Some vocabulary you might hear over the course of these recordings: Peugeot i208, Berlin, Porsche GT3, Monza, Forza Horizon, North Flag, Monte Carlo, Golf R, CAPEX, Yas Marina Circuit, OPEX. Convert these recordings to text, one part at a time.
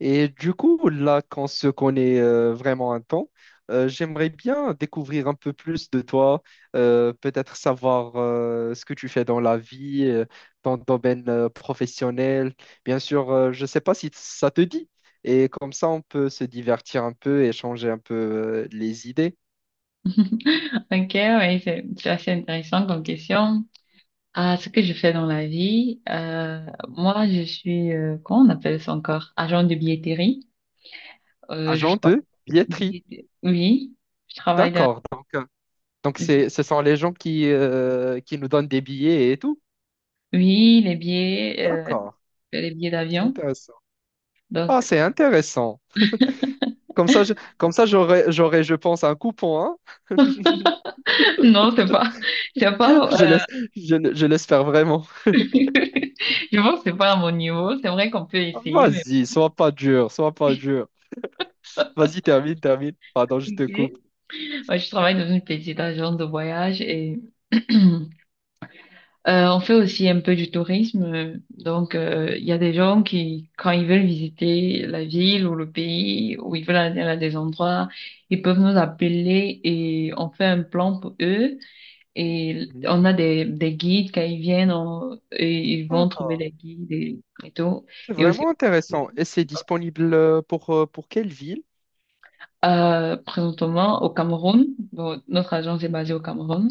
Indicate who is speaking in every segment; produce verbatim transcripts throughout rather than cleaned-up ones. Speaker 1: Et du coup, là qu'on se connaît euh, vraiment un temps, euh, j'aimerais bien découvrir un peu plus de toi, euh, peut-être savoir euh, ce que tu fais dans la vie, euh, ton domaine euh, professionnel. Bien sûr, euh, je ne sais pas si ça te dit. Et comme ça, on peut se divertir un peu, échanger un peu euh, les idées.
Speaker 2: Ok, oui, c'est c'est assez intéressant comme question. Ah, ce que je fais dans la vie, euh, moi, je suis, euh, comment on appelle ça encore? Agent de billetterie. Euh, je
Speaker 1: Agent
Speaker 2: tra-
Speaker 1: de billetterie.
Speaker 2: billetterie. Oui, je travaille dans,
Speaker 1: D'accord. Donc, euh, donc c'est, ce sont les gens qui, euh, qui nous donnent des billets et tout.
Speaker 2: oui, les billets, euh,
Speaker 1: D'accord.
Speaker 2: je fais les billets
Speaker 1: C'est
Speaker 2: d'avion.
Speaker 1: intéressant. Ah,
Speaker 2: Donc,
Speaker 1: c'est intéressant. Comme ça, je- comme ça, j'aurais, j'aurais, je pense, un coupon, hein.
Speaker 2: non, c'est pas, c'est pas,
Speaker 1: Je
Speaker 2: euh,
Speaker 1: laisse, je, je l'espère vraiment.
Speaker 2: je pense que c'est pas à mon niveau. C'est vrai qu'on peut essayer, mais
Speaker 1: Vas-y, sois pas dur, sois pas dur. Vas-y, termine, termine. Pardon, je te coupe.
Speaker 2: ok. Moi, je travaille dans une petite agence de voyage et Euh, on fait aussi un peu du tourisme, euh, donc euh, il y a des gens qui, quand ils veulent visiter la ville ou le pays, ou ils veulent aller à des endroits, ils peuvent nous appeler et on fait un plan pour eux. Et on a des, des guides quand ils viennent, on- et ils vont trouver
Speaker 1: D'accord.
Speaker 2: des guides et, et tout.
Speaker 1: C'est
Speaker 2: Et aussi
Speaker 1: vraiment intéressant. Et c'est disponible euh, pour, euh, pour quelle ville?
Speaker 2: euh, présentement au Cameroun, bon, notre agence est basée au Cameroun,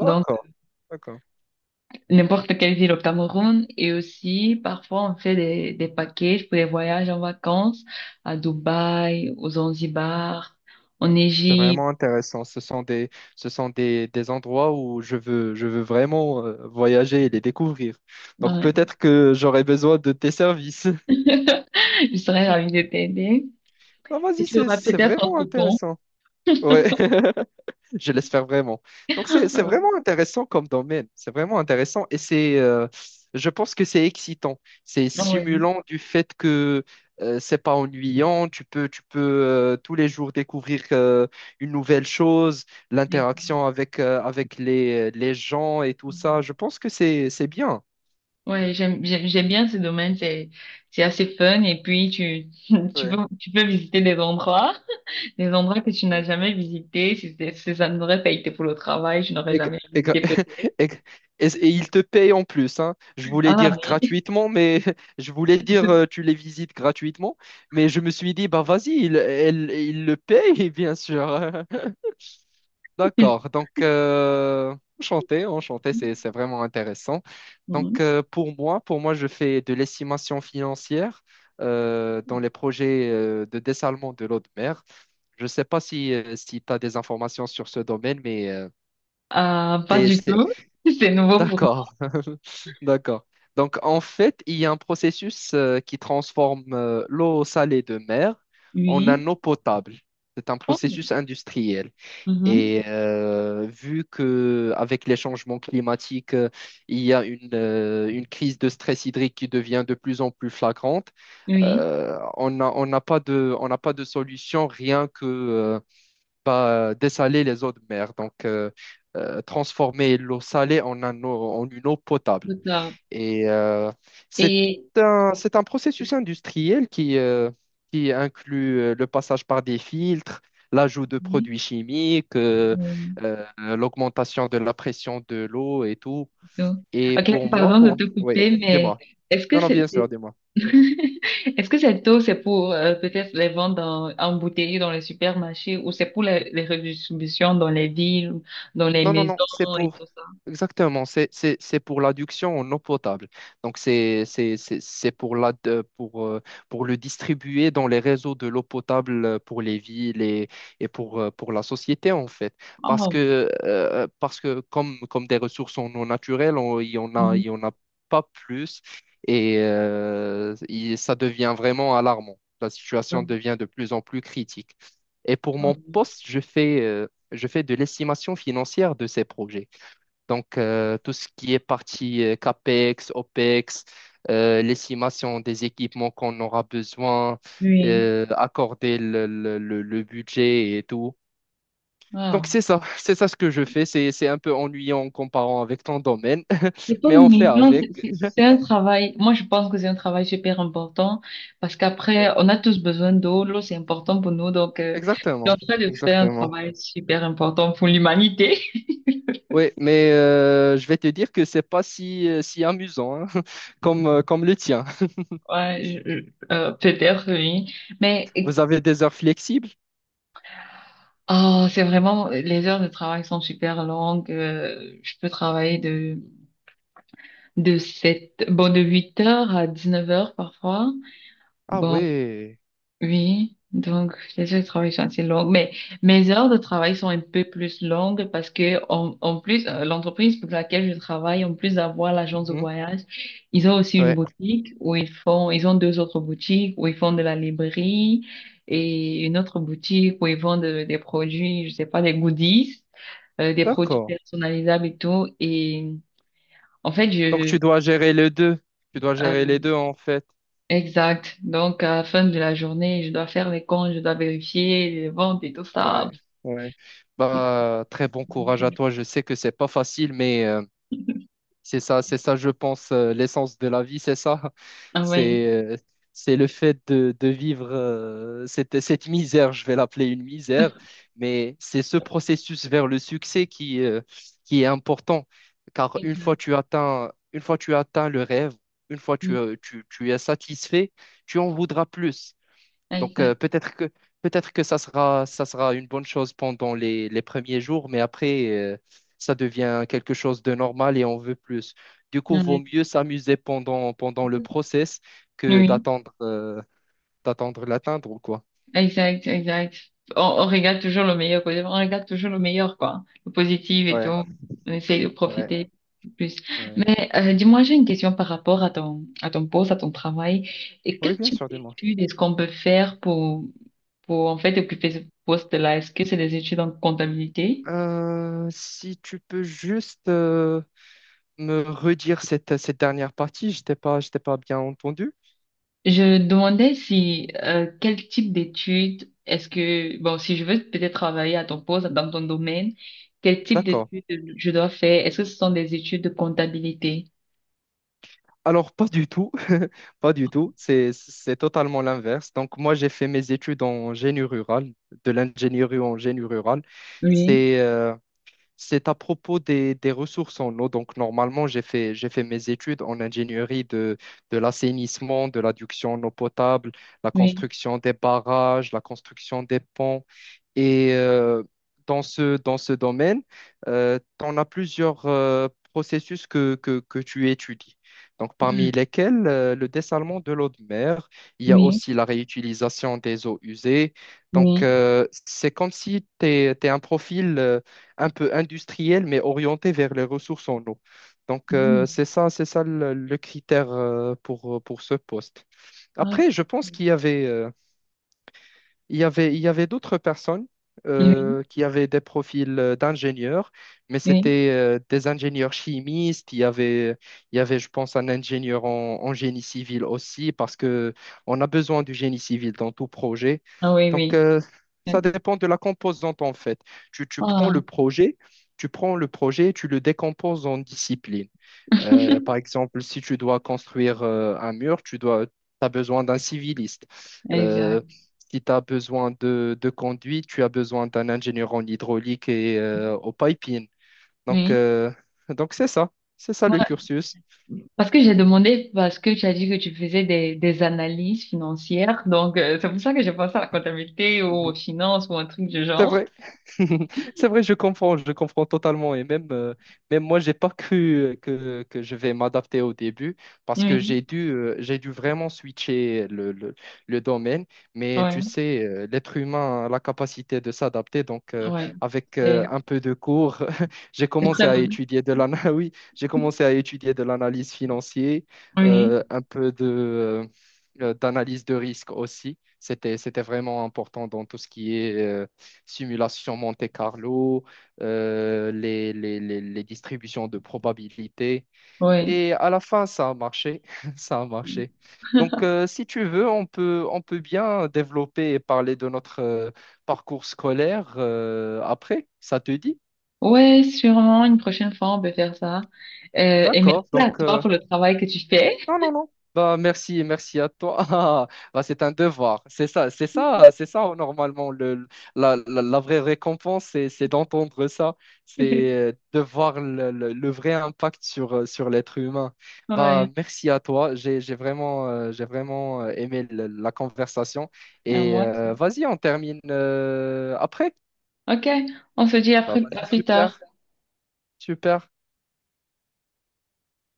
Speaker 2: donc
Speaker 1: d'accord.
Speaker 2: n'importe quelle ville au Cameroun et aussi parfois on fait des, des packages pour des voyages en vacances à Dubaï, aux Zanzibar, en
Speaker 1: C'est
Speaker 2: Égypte.
Speaker 1: vraiment intéressant. Ce sont des, ce sont des, des endroits où je veux, je veux vraiment euh, voyager et les découvrir. Donc
Speaker 2: Ouais.
Speaker 1: peut-être que j'aurais besoin de tes services.
Speaker 2: Je serais ravie de t'aider.
Speaker 1: Ah,
Speaker 2: Et
Speaker 1: vas-y,
Speaker 2: tu
Speaker 1: c'est,
Speaker 2: auras
Speaker 1: c'est
Speaker 2: peut-être un
Speaker 1: vraiment
Speaker 2: coupon.
Speaker 1: intéressant. Ouais. Je l'espère vraiment. Donc, c'est, c'est
Speaker 2: Euh,
Speaker 1: vraiment intéressant comme domaine. C'est vraiment intéressant et c'est, euh, je pense que c'est excitant. C'est
Speaker 2: ouais.
Speaker 1: stimulant du fait que euh, c'est pas ennuyant. Tu peux, tu peux euh, tous les jours découvrir euh, une nouvelle chose, l'interaction avec, euh, avec les, les gens et tout ça. Je pense que c'est, c'est bien.
Speaker 2: Ouais, j'aime, j'aime, j'aime bien ce domaine, c'est, c'est assez fun et puis tu, tu peux,
Speaker 1: Ouais.
Speaker 2: tu peux visiter des endroits, des endroits que tu n'as jamais visités, si, c'était- si ça n'aurait pas été pour le travail, je n'aurais
Speaker 1: Et, gra-
Speaker 2: jamais
Speaker 1: et gra-
Speaker 2: visité peut-être.
Speaker 1: et gra- et- s- et ils te payent en plus, hein. Je voulais
Speaker 2: Ah,
Speaker 1: dire gratuitement, mais je voulais dire
Speaker 2: Depuis
Speaker 1: euh, tu les visites gratuitement, mais je me suis dit, bah vas-y, ils elle- ils le payent, bien sûr.
Speaker 2: que je-
Speaker 1: D'accord, donc euh, enchanté, enchanté, c'est, c'est vraiment intéressant. Donc
Speaker 2: Mhm.
Speaker 1: euh, pour moi, pour moi, je fais de l'estimation financière euh, dans les projets euh, de dessalement de l'eau de mer. Je ne sais pas si, tu as des informations sur ce domaine, mais... euh,
Speaker 2: Ah, pas du
Speaker 1: c'est
Speaker 2: tout. C'est nouveau pour moi.
Speaker 1: D'accord, d'accord. Donc en fait, il y a un processus euh, qui transforme euh, l'eau salée de mer en
Speaker 2: Oui.
Speaker 1: un eau potable. C'est un
Speaker 2: Oh.
Speaker 1: processus industriel.
Speaker 2: Mhm.
Speaker 1: Et euh, vu que avec les changements climatiques, euh, il y a une, euh, une crise de stress hydrique qui devient de plus en plus flagrante,
Speaker 2: Oui.
Speaker 1: euh, on n'a on n'a pas de, on n'a pas de solution rien que, euh, pas euh, dessaler les eaux de mer. Donc, euh, euh, transformer l'eau salée en, un eau- en une eau potable.
Speaker 2: D'accord.
Speaker 1: Et euh, c'est
Speaker 2: Et,
Speaker 1: un, c'est un processus industriel qui, euh, qui inclut euh, le passage par des filtres, l'ajout de
Speaker 2: oui.
Speaker 1: produits chimiques, euh,
Speaker 2: Oui.
Speaker 1: euh, l'augmentation de la pression de l'eau et tout.
Speaker 2: C'est tout.
Speaker 1: Et pour
Speaker 2: Ok,
Speaker 1: moi,
Speaker 2: pardon de
Speaker 1: pour...
Speaker 2: te
Speaker 1: Oui,
Speaker 2: couper, mais
Speaker 1: dis-moi.
Speaker 2: est-ce que
Speaker 1: Non, non,
Speaker 2: c'est,
Speaker 1: bien sûr,
Speaker 2: c'est-
Speaker 1: dis-moi.
Speaker 2: est-ce que cette eau, c'est pour euh, peut-être les vendre en, en bouteille dans les supermarchés ou c'est pour les, les redistributions dans les villes, dans les
Speaker 1: Non, non, non, c'est
Speaker 2: maisons et
Speaker 1: pour...
Speaker 2: tout ça?
Speaker 1: Exactement, c'est c'est- c'est pour l'adduction en eau potable. Donc, c'est c'est- c'est- c'est pour, la, de- pour, euh, pour le distribuer dans les réseaux de l'eau potable euh, pour les villes et, et pour, euh, pour la société, en fait. Parce
Speaker 2: Oh.
Speaker 1: que, euh, parce que comme, comme des ressources en eau naturelle, on- il y en a, il
Speaker 2: Mhm.
Speaker 1: y en a pas plus et euh, il- ça devient vraiment alarmant. La situation devient de plus en plus critique. Et pour
Speaker 2: Oh.
Speaker 1: mon poste, je fais... euh, je fais de l'estimation financière de ces projets. Donc, euh, tout ce qui est partie euh, CAPEX, OPEX, euh, l'estimation des équipements qu'on aura besoin,
Speaker 2: Oui.
Speaker 1: euh, accorder le, le- le- le budget et tout. Donc,
Speaker 2: Wow.
Speaker 1: c'est ça, c'est ça ce que je fais. C'est, c'est un peu ennuyant en comparant avec ton domaine,
Speaker 2: C'est pas
Speaker 1: mais on fait
Speaker 2: mignon, c'est
Speaker 1: avec.
Speaker 2: c'est- c'est un travail. Moi, je pense que c'est un travail super important parce qu'après,
Speaker 1: Ouais.
Speaker 2: on a tous besoin d'eau. L'eau, c'est important pour nous. Donc, euh, je suis en
Speaker 1: Exactement,
Speaker 2: train de faire un
Speaker 1: exactement.
Speaker 2: travail super important pour l'humanité.
Speaker 1: Oui, mais euh, je vais te dire que c'est pas si, euh, si amusant hein, comme, euh, comme le tien.
Speaker 2: Ouais, je- je- euh, peut-être, oui. Mais
Speaker 1: Vous avez des heures flexibles?
Speaker 2: oh, c'est vraiment, les heures de travail sont super longues. Euh, je peux travailler de, de sept bon, de huit heures à dix-neuf heures parfois.
Speaker 1: Ah
Speaker 2: Bon,
Speaker 1: ouais.
Speaker 2: Oui, donc les heures de travail sont assez longues, mais mes heures de travail sont un peu plus longues parce que en, en plus euh, l'entreprise pour laquelle je travaille, en plus d'avoir l'agence de
Speaker 1: Mhm.
Speaker 2: voyage, ils ont aussi une
Speaker 1: Ouais.
Speaker 2: boutique où ils font, ils ont deux autres boutiques où ils font de la librairie et une autre boutique où ils vendent de- des produits, je sais pas, des goodies, euh, des produits
Speaker 1: D'accord.
Speaker 2: personnalisables et tout. Et en fait,
Speaker 1: Donc
Speaker 2: je
Speaker 1: tu dois gérer les deux. Tu dois gérer les
Speaker 2: euh,
Speaker 1: deux en fait.
Speaker 2: exact. Donc, à la fin de la journée, je dois faire les comptes, je dois vérifier les ventes et tout ça.
Speaker 1: Ouais. Ouais.
Speaker 2: C'est-
Speaker 1: Bah très bon courage à toi. Je sais que c'est pas facile, mais euh, C'est ça, c'est ça, je pense, euh, l'essence de la vie, c'est ça.
Speaker 2: Ah ouais.
Speaker 1: C'est euh, c'est le fait de, de vivre euh, cette, cette misère, je vais l'appeler une misère, mais c'est ce processus vers le succès qui, euh, qui est important. Car une fois
Speaker 2: Exact.
Speaker 1: tu atteins, une fois tu atteins le rêve, une fois tu,
Speaker 2: Mm.
Speaker 1: euh, tu, tu es satisfait, tu en voudras plus. Donc euh,
Speaker 2: Exact.
Speaker 1: peut-être que peut-être que ça sera ça sera une bonne chose pendant les, les premiers jours, mais après euh, ça devient quelque chose de normal et on veut plus. Du coup, vaut
Speaker 2: Ouais.
Speaker 1: mieux s'amuser pendant pendant le process que
Speaker 2: Oui,
Speaker 1: d'attendre euh, d'attendre l'atteindre ou quoi.
Speaker 2: exact, exact. On, on regarde toujours le meilleur, quoi. On regarde toujours le meilleur, quoi. Le positif et tout.
Speaker 1: Ouais,
Speaker 2: On essaye de
Speaker 1: ouais.
Speaker 2: profiter plus.
Speaker 1: Ouais.
Speaker 2: Mais euh, dis-moi, j'ai une question par rapport à ton, à ton poste, à ton travail. Et
Speaker 1: Oui,
Speaker 2: quel
Speaker 1: bien
Speaker 2: type
Speaker 1: sûr, dis-moi.
Speaker 2: d'études est-ce qu'on peut faire pour, pour en fait occuper ce poste-là? Est-ce que c'est des études en comptabilité?
Speaker 1: Euh, si tu peux juste euh, me redire cette, cette dernière partie, je t'ai pas, je t'ai pas bien entendu.
Speaker 2: Je demandais si euh, quel type d'études est-ce que bon si je veux peut-être travailler à ton poste dans ton domaine, quel type
Speaker 1: D'accord.
Speaker 2: d'études je dois faire? Est-ce que ce sont des études de comptabilité?
Speaker 1: Alors, pas du tout, pas du tout, c'est, c'est totalement l'inverse. Donc, moi, j'ai fait mes études en génie rural, de l'ingénierie en génie rural.
Speaker 2: Oui,
Speaker 1: C'est euh, c'est à propos des, des ressources en eau. Donc, normalement, j'ai fait, j'ai fait mes études en ingénierie de, de l'assainissement, de l'adduction en eau potable, la
Speaker 2: oui,
Speaker 1: construction des barrages, la construction des ponts. Et euh, dans ce, dans ce domaine, euh, tu en as plusieurs euh, processus que, que, que tu étudies. Donc, parmi
Speaker 2: oui,
Speaker 1: lesquels euh, le dessalement de l'eau de mer, il y a
Speaker 2: oui,
Speaker 1: aussi la réutilisation des eaux usées. Donc,
Speaker 2: oui.
Speaker 1: euh, c'est comme si tu es, un profil euh, un peu industriel, mais orienté vers les ressources en eau. Donc, euh,
Speaker 2: Mhm.
Speaker 1: c'est ça, c'est ça le, le critère euh, pour, pour ce poste.
Speaker 2: Ah,
Speaker 1: Après, je pense qu'il y avait, euh, il y avait, il y avait d'autres personnes
Speaker 2: Oui,
Speaker 1: euh, qui avaient des profils euh, d'ingénieurs, mais
Speaker 2: oui,
Speaker 1: c'était euh, des ingénieurs chimistes. Il y avait, il y avait, je pense, un ingénieur en, en génie civil aussi, parce que on a besoin du génie civil dans tout projet.
Speaker 2: ah oui,
Speaker 1: Donc,
Speaker 2: oui.
Speaker 1: euh, ça dépend de la composante, en fait. Tu, tu prends
Speaker 2: Ah,
Speaker 1: le projet, tu prends le projet, tu le décomposes en disciplines. Euh, par exemple, si tu dois construire euh, un mur, tu dois, as besoin d'un civiliste. Euh,
Speaker 2: exact.
Speaker 1: si tu as besoin de, de conduite, tu as besoin d'un ingénieur en hydraulique et euh, au piping. Donc,
Speaker 2: Oui.
Speaker 1: euh, donc c'est ça. C'est ça
Speaker 2: Moi,
Speaker 1: le cursus.
Speaker 2: parce que j'ai demandé, parce que tu as dit que tu faisais des, des analyses financières, donc euh, c'est pour ça que j'ai pensé à la comptabilité ou aux
Speaker 1: Mhm.
Speaker 2: finances ou un truc du
Speaker 1: C'est
Speaker 2: genre.
Speaker 1: vrai. C'est vrai, je comprends, je comprends totalement. Et même, euh, même moi, j'ai pas cru euh, que, que je vais m'adapter au début parce que
Speaker 2: Oui,
Speaker 1: j'ai dû, euh, j'ai dû vraiment switcher le, le, le domaine. Mais
Speaker 2: ouais,
Speaker 1: tu sais, euh, l'être humain a la capacité de s'adapter. Donc, euh,
Speaker 2: ouais.
Speaker 1: avec euh,
Speaker 2: C'est
Speaker 1: un peu de cours, j'ai
Speaker 2: c'est
Speaker 1: commencé
Speaker 2: très
Speaker 1: à
Speaker 2: bon.
Speaker 1: étudier de l'ana- oui, j'ai commencé à étudier de l'analyse financière,
Speaker 2: Oui,
Speaker 1: euh, un peu de, euh, d'analyse de risque aussi. C'était, c'était vraiment important dans tout ce qui est euh, simulation Monte Carlo, euh, les, les- les- les distributions de probabilité.
Speaker 2: oui.
Speaker 1: Et à la fin, ça a marché. Ça a marché. Donc, euh, si tu veux, on peut, on peut bien développer et parler de notre euh, parcours scolaire euh, après. Ça te dit?
Speaker 2: Ouais, sûrement, une prochaine fois, on peut faire ça. Euh, et merci
Speaker 1: D'accord.
Speaker 2: à
Speaker 1: Donc,
Speaker 2: toi
Speaker 1: euh,
Speaker 2: pour le travail que tu fais.
Speaker 1: Non, non, non. Bah, merci, merci à toi. Ah, bah, c'est un devoir. C'est ça, c'est ça, c'est ça, normalement. Le, la, la, la vraie récompense, c'est, c'est d'entendre ça. C'est euh, de voir le, le, le vrai impact sur, euh, sur l'être humain. Bah,
Speaker 2: Ouais,
Speaker 1: merci à toi. J'ai, j'ai vraiment, euh, j'ai vraiment euh, aimé le- la conversation.
Speaker 2: à
Speaker 1: Et
Speaker 2: moi aussi.
Speaker 1: euh, vas-y, on termine euh, après.
Speaker 2: Ok, on se dit à
Speaker 1: Bah,
Speaker 2: plus
Speaker 1: vas-y,
Speaker 2: à plus tard.
Speaker 1: super, super.